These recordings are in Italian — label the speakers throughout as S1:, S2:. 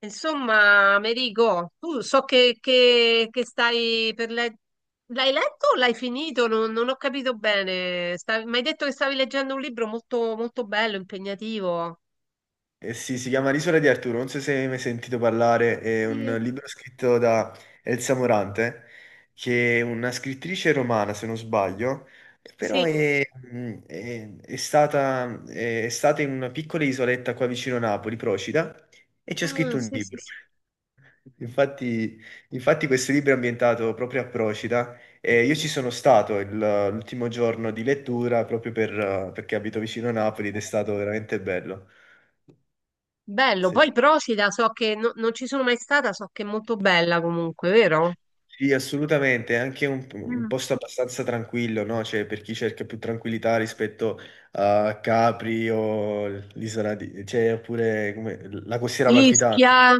S1: Insomma, Merigo, tu so che, che stai per leggere. L'hai letto o l'hai finito? Non ho capito bene. Mi hai detto che stavi leggendo un libro molto, molto bello, impegnativo.
S2: Sì, si chiama L'isola di Arturo, non so se hai mai sentito parlare, è un
S1: Eh,
S2: libro scritto da Elsa Morante, che è una scrittrice romana, se non sbaglio, però
S1: Sì.
S2: è stata in una piccola isoletta qua vicino Napoli, Procida, e ci ha
S1: Ah,
S2: scritto un
S1: sì, sì,
S2: libro.
S1: sì.
S2: Infatti, infatti questo libro è ambientato proprio a Procida e io ci sono stato l'ultimo giorno di lettura proprio per, perché abito vicino a Napoli ed è stato veramente bello.
S1: Bello.
S2: Sì,
S1: Poi Procida, so che non ci sono mai stata, so che è molto bella comunque, vero?
S2: sì, assolutamente, è anche un
S1: Mm.
S2: posto abbastanza tranquillo, no? Cioè, per chi cerca più tranquillità rispetto a Capri o l'isola di... la costiera amalfitana.
S1: Ischia.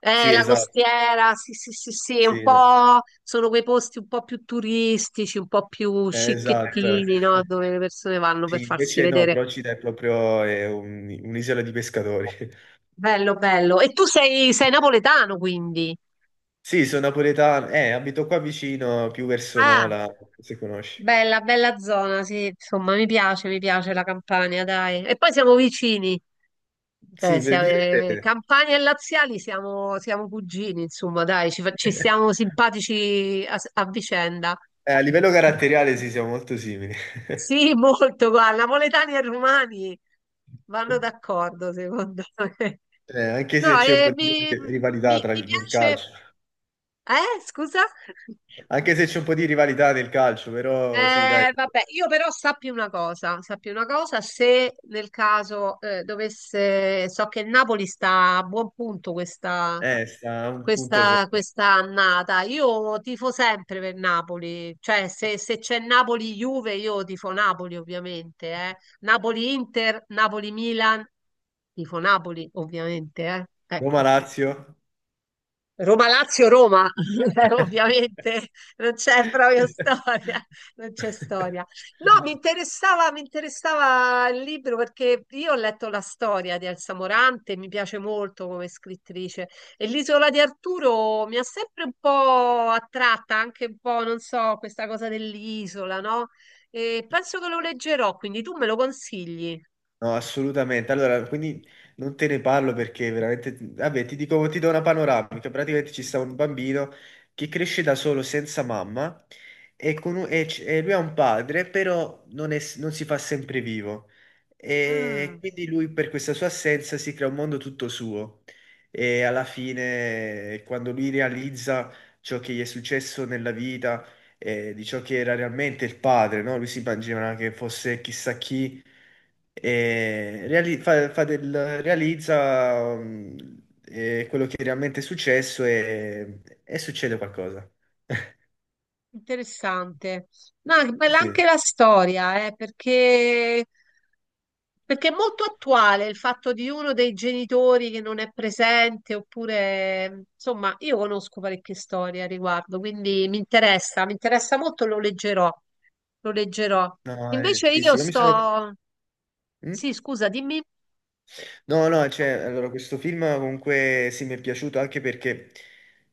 S2: Sì,
S1: La
S2: esatto,
S1: costiera, sì, sì, sì, sì, un
S2: sì, no.
S1: po' sono quei posti un po' più turistici, un po' più
S2: Esatto, eh.
S1: scicchettini, no? Dove le persone vanno per
S2: Sì,
S1: farsi
S2: invece no,
S1: vedere.
S2: Procida è proprio un'isola di pescatori.
S1: Bello, bello. E tu sei, sei napoletano, quindi.
S2: Sì, sono napoletano, abito qua vicino, più verso
S1: Ah,
S2: Nola, se conosci.
S1: bella, bella zona, sì, insomma, mi piace la Campania, dai. E poi siamo vicini,
S2: Sì,
S1: cioè,
S2: di
S1: siamo,
S2: dove siete?
S1: Campania e Laziali siamo, siamo cugini, insomma, dai, ci, ci stiamo simpatici a vicenda.
S2: A livello caratteriale sì, siamo molto simili.
S1: Sì, molto, guarda, napoletani e romani vanno d'accordo, secondo me.
S2: Anche se
S1: No,
S2: c'è un po'
S1: e
S2: di
S1: mi,
S2: rivalità
S1: mi
S2: nel
S1: piace...
S2: calcio,
S1: Scusa?
S2: anche se c'è un po' di rivalità nel calcio, però sì, dai,
S1: Vabbè, io però sappi una cosa, se nel caso dovesse, so che il Napoli sta a buon punto questa,
S2: sta un punto
S1: questa,
S2: sopra.
S1: questa annata, io tifo sempre per Napoli, cioè se, se c'è Napoli-Juve io tifo Napoli ovviamente, eh. Napoli-Inter, Napoli-Milan, tifo Napoli ovviamente, eh. Ecco.
S2: Roma-Lazio.
S1: Roma-Lazio-Roma, ovviamente non c'è proprio storia, non c'è storia. No, mi interessava il libro perché io ho letto la storia di Elsa Morante, mi piace molto come scrittrice e l'Isola di Arturo mi ha sempre un po' attratta, anche un po', non so, questa cosa dell'isola, no? E penso che lo leggerò, quindi tu me lo consigli?
S2: No, assolutamente. Allora, quindi non te ne parlo perché veramente, vabbè, ti dico, ti do una panoramica. Praticamente ci sta un bambino che cresce da solo senza mamma e, con un- e c- e lui ha un padre, però non, è s- non si fa sempre vivo. E
S1: Mm,
S2: quindi lui per questa sua assenza si crea un mondo tutto suo. E alla fine, quando lui realizza ciò che gli è successo nella vita, di ciò che era realmente il padre, no? Lui si immaginava che fosse chissà chi, e realizza quello che realmente è successo e succede qualcosa.
S1: interessante. No, è bella anche
S2: Sì,
S1: la storia, perché perché è molto attuale il fatto di uno dei genitori che non è presente, oppure, insomma, io conosco parecchie storie a riguardo, quindi mi interessa molto, lo leggerò, lo leggerò.
S2: no,
S1: Invece
S2: sì, sì,
S1: io
S2: io mi sono...
S1: sto...
S2: Mm?
S1: Sì, scusa, dimmi,
S2: No, no, cioè, allora, questo film comunque sì, mi è piaciuto anche perché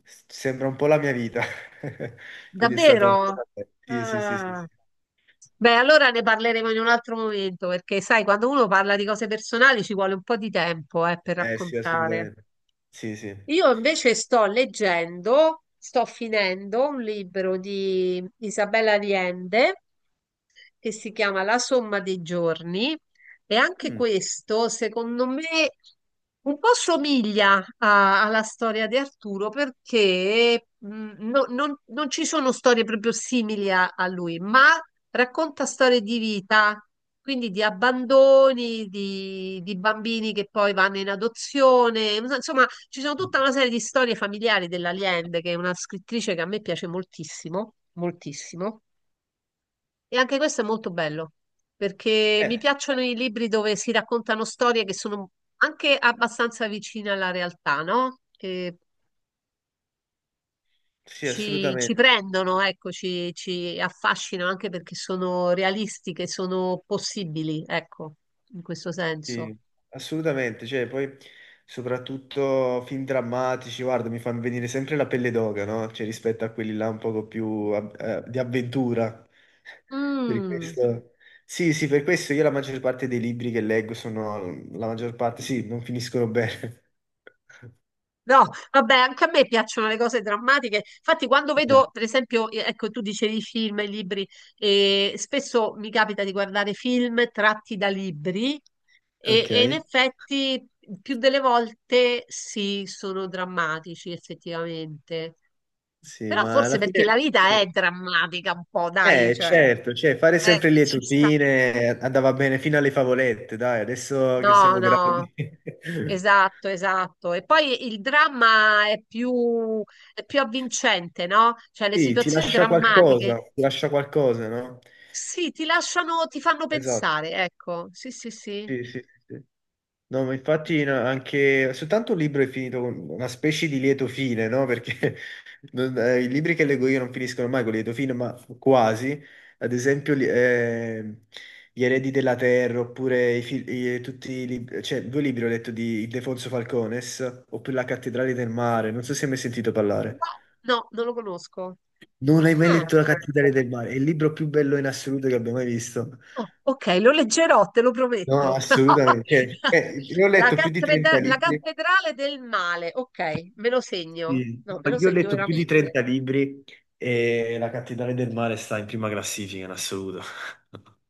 S2: sembra un po' la mia vita, quindi è stato un po'...
S1: davvero?
S2: Sì, sì, sì, sì,
S1: Ah.
S2: sì.
S1: Beh, allora ne parleremo in un altro momento, perché sai, quando uno parla di cose personali ci vuole un po' di tempo, per
S2: Eh sì,
S1: raccontare.
S2: assolutamente. Sì, sì.
S1: Io invece sto leggendo, sto finendo un libro di Isabella Allende che si chiama La somma dei giorni e anche
S2: Mm.
S1: questo, secondo me, un po' somiglia alla storia di Arturo perché non ci sono storie proprio simili a, a lui, ma racconta storie di vita, quindi di abbandoni, di bambini che poi vanno in adozione, insomma, ci sono tutta una serie di storie familiari della Allende, che è una scrittrice che a me piace moltissimo, moltissimo. E anche questo è molto bello, perché mi
S2: Eh,
S1: piacciono i libri dove si raccontano storie che sono anche abbastanza vicine alla realtà, no? Che
S2: sì,
S1: ci, ci
S2: assolutamente,
S1: prendono, ecco, ci, ci affascinano anche perché sono realistiche, sono possibili, ecco, in questo senso.
S2: sì, assolutamente, cioè poi soprattutto film drammatici, guarda, mi fanno venire sempre la pelle d'oca, no? Cioè rispetto a quelli là un poco più di avventura. Per
S1: Mm.
S2: questo... Sì, sì, per questo io la maggior parte dei libri che leggo sono, la maggior parte, sì, non finiscono bene.
S1: No, vabbè, anche a me piacciono le cose drammatiche. Infatti, quando
S2: Eh,
S1: vedo, per esempio, ecco, tu dicevi film, e libri, e spesso mi capita di guardare film tratti da libri e in
S2: ok.
S1: effetti più delle volte sì, sono drammatici, effettivamente.
S2: Sì,
S1: Però
S2: ma
S1: forse
S2: alla
S1: perché la
S2: fine,
S1: vita è
S2: sì.
S1: drammatica un po', dai, cioè,
S2: Certo, cioè, fare
S1: eh,
S2: sempre
S1: ci
S2: lieto
S1: sta.
S2: fine andava bene fino alle favolette, dai, adesso che
S1: No,
S2: siamo
S1: no.
S2: grandi.
S1: Esatto, esatto. E poi il dramma è più avvincente, no? Cioè le
S2: Sì,
S1: situazioni drammatiche,
S2: ti lascia qualcosa, no?
S1: sì, ti lasciano, ti fanno
S2: Esatto,
S1: pensare, ecco. Sì, sì, sì.
S2: sì, sì, sì. No, ma infatti no, anche soltanto un libro è finito con una specie di lieto fine, no? Perché i libri che leggo io non finiscono mai con lieto fine, ma quasi. Ad esempio, Gli eredi della terra, oppure i fil- i- tutti i lib- cioè, due libri ho letto di Ildefonso Falcones, oppure La cattedrale del mare. Non so se hai mai sentito
S1: No,
S2: parlare.
S1: no, non lo conosco.
S2: Non hai mai
S1: Ah.
S2: letto La cattedrale del mare? È il libro più bello in assoluto che abbia mai visto.
S1: Oh, ok, lo leggerò, te lo
S2: No,
S1: prometto.
S2: assolutamente. Cioè, io ho letto più di 30
S1: La
S2: libri.
S1: cattedrale del male, ok, me lo segno.
S2: Sì.
S1: No, me lo
S2: Io ho
S1: segno
S2: letto più di
S1: veramente.
S2: 30 libri e La cattedrale del mare sta in prima classifica in assoluto.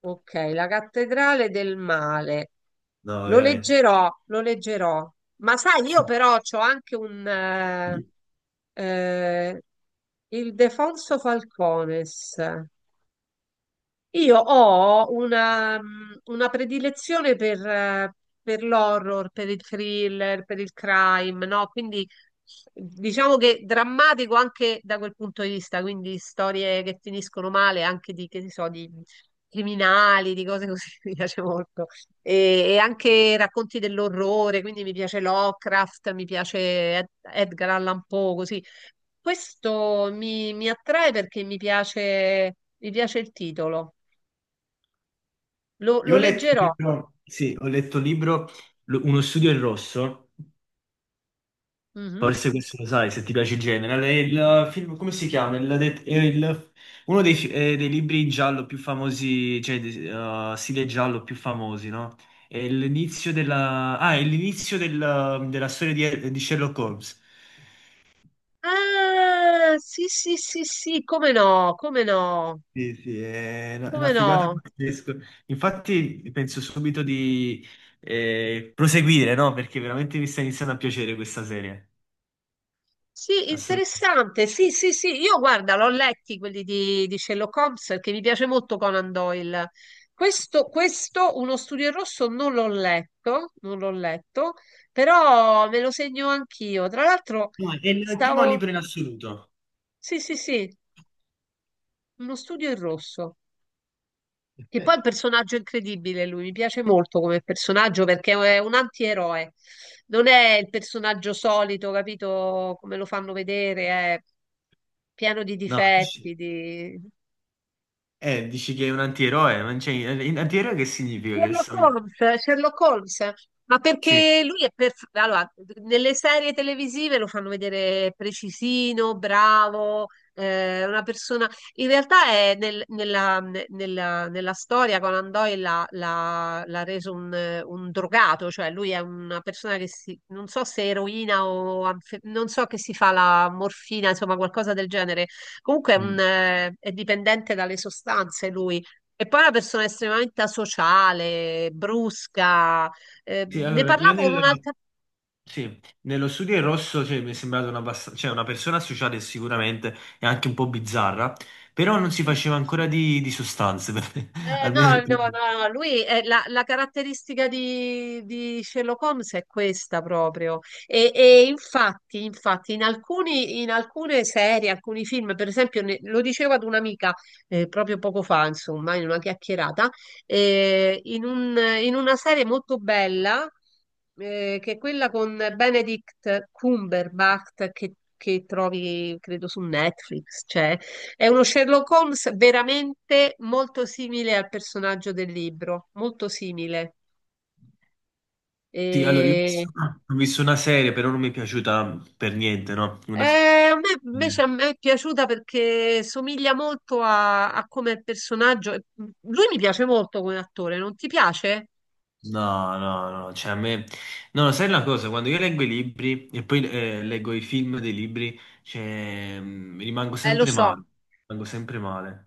S1: Ok, la cattedrale del male.
S2: No,
S1: Lo
S2: veramente.
S1: leggerò, lo leggerò. Ma sai, io
S2: Sì.
S1: però ho anche un... eh, il Defonso Falcones. Io ho una predilezione per l'horror, per il thriller, per il crime, no? Quindi diciamo che drammatico anche da quel punto di vista, quindi storie che finiscono male, anche di, che ne so, di criminali, di cose così, mi piace molto. E anche racconti dell'orrore, quindi mi piace Lovecraft, mi piace Edgar Allan Poe, così. Questo mi attrae perché mi piace il titolo. Lo,
S2: Io
S1: lo
S2: ho letto un
S1: leggerò.
S2: libro, sì, ho letto un libro, Uno studio in rosso,
S1: Mhm.
S2: forse questo lo sai se ti piace il genere, è il film, come si chiama? Il det- è il- uno dei, dei libri in giallo più famosi, cioè stile giallo più famosi, no? È l'inizio della, ah, è l'inizio della storia di Sherlock Holmes.
S1: Ah, sì, sì, sì, sì, come no, come no,
S2: Sì, sì, è una
S1: come
S2: figata
S1: no.
S2: pazzesca. Infatti penso subito di proseguire, no? Perché veramente mi sta iniziando a piacere questa serie.
S1: Sì,
S2: Assolutamente.
S1: interessante. Sì, sì, sì. Io guarda, l'ho letti quelli di Sherlock Holmes perché mi piace molto Conan Doyle. Questo, Uno studio in rosso, non l'ho letto, non l'ho letto, però me lo segno anch'io. Tra l'altro,
S2: No, è il primo
S1: stavo.
S2: libro in assoluto.
S1: Sì, sì, sì, Uno studio in rosso. Che poi è
S2: Eh,
S1: un personaggio incredibile, lui mi piace molto come personaggio perché è un antieroe, non è il personaggio solito, capito come lo fanno vedere, è pieno di
S2: No,
S1: difetti,
S2: dici,
S1: di...
S2: dici che è un antieroe, ma non c'è- antieroe che significa? Che
S1: Sherlock
S2: sono-
S1: Holmes, Sherlock Holmes, ma
S2: Sì.
S1: perché lui è perfetto. Allora, nelle serie televisive lo fanno vedere precisino, bravo, una persona. In realtà è nella, nella storia Conan Doyle l'ha reso un drogato, cioè lui è una persona che si, non so se eroina o non so che si fa la morfina, insomma, qualcosa del genere. Comunque è, un,
S2: Mm.
S1: è dipendente dalle sostanze e poi è una persona estremamente asociale, brusca.
S2: Sì,
S1: Ne
S2: allora, io
S1: parlavo con
S2: nel,
S1: un'altra.
S2: sì, nello studio in rosso cioè, mi è sembrato una, una persona associata e sicuramente e anche un po' bizzarra, però non si
S1: Sì,
S2: faceva ancora di sostanze, per-
S1: eh,
S2: almeno
S1: no,
S2: nel
S1: no, no,
S2: primo.
S1: no, lui è la, la caratteristica di Sherlock Holmes è questa proprio. E infatti, infatti, in alcuni, in alcune serie, alcuni film, per esempio, lo dicevo ad un'amica proprio poco fa, insomma, in una chiacchierata, in in una serie molto bella, che è quella con Benedict Cumberbatch che trovi, credo, su Netflix, c'è. È uno Sherlock Holmes veramente molto simile al personaggio del libro, molto simile.
S2: Sì, allora io
S1: E-
S2: ho visto una serie, però non mi è piaciuta per niente, no? Una se-
S1: eh, a me invece
S2: eh,
S1: a me è piaciuta perché somiglia molto a, a come è il personaggio. E lui mi piace molto come attore, non ti piace?
S2: no, no, no, cioè a me... No, sai una cosa, quando io leggo i libri e poi leggo i film dei libri, cioè, rimango
S1: Lo
S2: sempre
S1: so.
S2: male, rimango sempre male.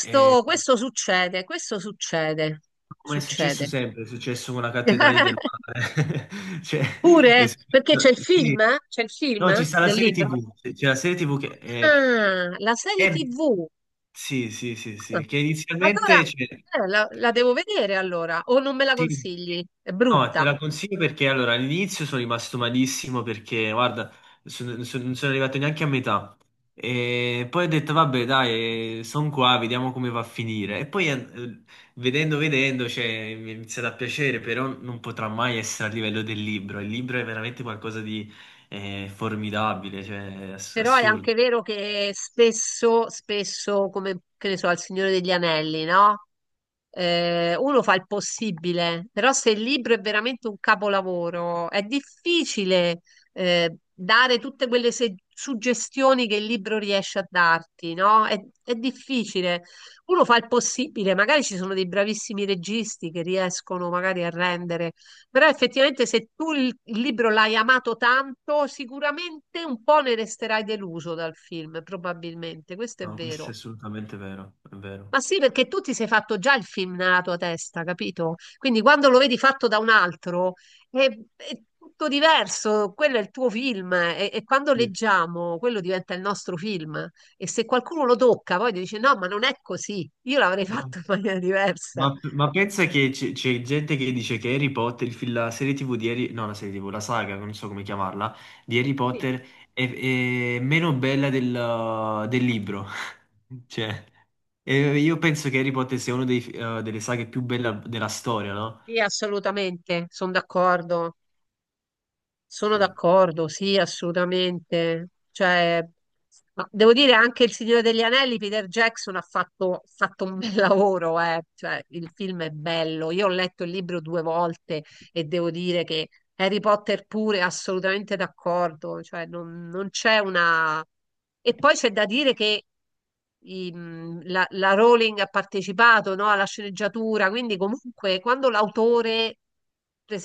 S2: Ehm,
S1: questo succede,
S2: Ma è successo
S1: succede.
S2: sempre, è successo con la cattedrale del mare. Cioè,
S1: Pure?
S2: è
S1: Eh, perché c'è il
S2: sì.
S1: film? Eh? C'è il film
S2: No, ci sta la
S1: del
S2: serie
S1: libro?
S2: TV, c'è la serie TV che
S1: Ah, la serie
S2: è-
S1: TV.
S2: sì, sì, sì, sì, che inizialmente
S1: Allora,
S2: c'è-
S1: la, la devo vedere allora, o non me la
S2: sì.
S1: consigli, è
S2: No, te
S1: brutta.
S2: la consiglio perché allora all'inizio sono rimasto malissimo perché guarda, non sono arrivato neanche a metà. E poi ho detto vabbè, dai, sono qua, vediamo come va a finire. E poi vedendo, vedendo, cioè, mi è iniziato a piacere, però non potrà mai essere a livello del libro. Il libro è veramente qualcosa di formidabile, cioè
S1: Però è
S2: assurdo.
S1: anche vero che spesso, spesso, come che ne so, al Signore degli Anelli, no? Uno fa il possibile, però se il libro è veramente un capolavoro, è difficile dare tutte quelle suggestioni che il libro riesce a darti, no? È difficile. Uno fa il possibile, magari ci sono dei bravissimi registi che riescono magari a rendere. Però effettivamente se tu il libro l'hai amato tanto, sicuramente un po' ne resterai deluso dal film, probabilmente, questo è
S2: No, questo è
S1: vero.
S2: assolutamente vero, è vero.
S1: Ma sì, perché tu ti sei fatto già il film nella tua testa, capito? Quindi quando lo vedi fatto da un altro è, è tutto diverso, quello è il tuo film e quando
S2: Sì.
S1: leggiamo quello diventa il nostro film e se qualcuno lo tocca poi ti dice no, ma non è così, io l'avrei
S2: No.
S1: fatto in maniera diversa.
S2: Ma pensa che c'è gente che dice che Harry Potter, la serie TV di Harry, no, la serie TV, la saga, non so come chiamarla, di Harry
S1: Sì,
S2: Potter è, è meno bella del libro. Cioè, io penso che Harry Potter sia una delle saghe più belle della storia, no?
S1: sì, assolutamente, sono d'accordo. Sono
S2: Sì.
S1: d'accordo, sì, assolutamente. Cioè, ma devo dire anche Il Signore degli Anelli, Peter Jackson ha fatto un bel lavoro, eh. Cioè, il film è bello. Io ho letto il libro 2 volte e devo dire che Harry Potter pure, assolutamente d'accordo. Cioè, non, non c'è una... E poi c'è da dire che la, la Rowling ha partecipato, no, alla sceneggiatura, quindi comunque quando l'autore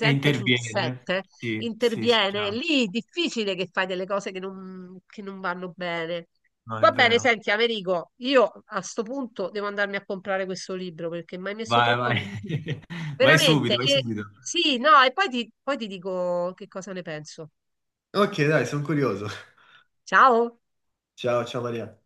S2: E
S1: sul
S2: interviene.
S1: set
S2: Sì, sì, sì,
S1: interviene,
S2: chiaro.
S1: lì è difficile che fai delle cose che non vanno bene.
S2: No, è
S1: Va bene,
S2: vero.
S1: senti, Amerigo, io a sto punto devo andarmi a comprare questo libro perché mi hai messo
S2: Vai,
S1: troppa
S2: vai.
S1: curiosità.
S2: Vai
S1: Veramente,
S2: subito, vai
S1: e,
S2: subito.
S1: sì, no, e poi ti dico che cosa ne penso.
S2: Ok, dai, sono curioso.
S1: Ciao!
S2: Ciao, ciao Maria.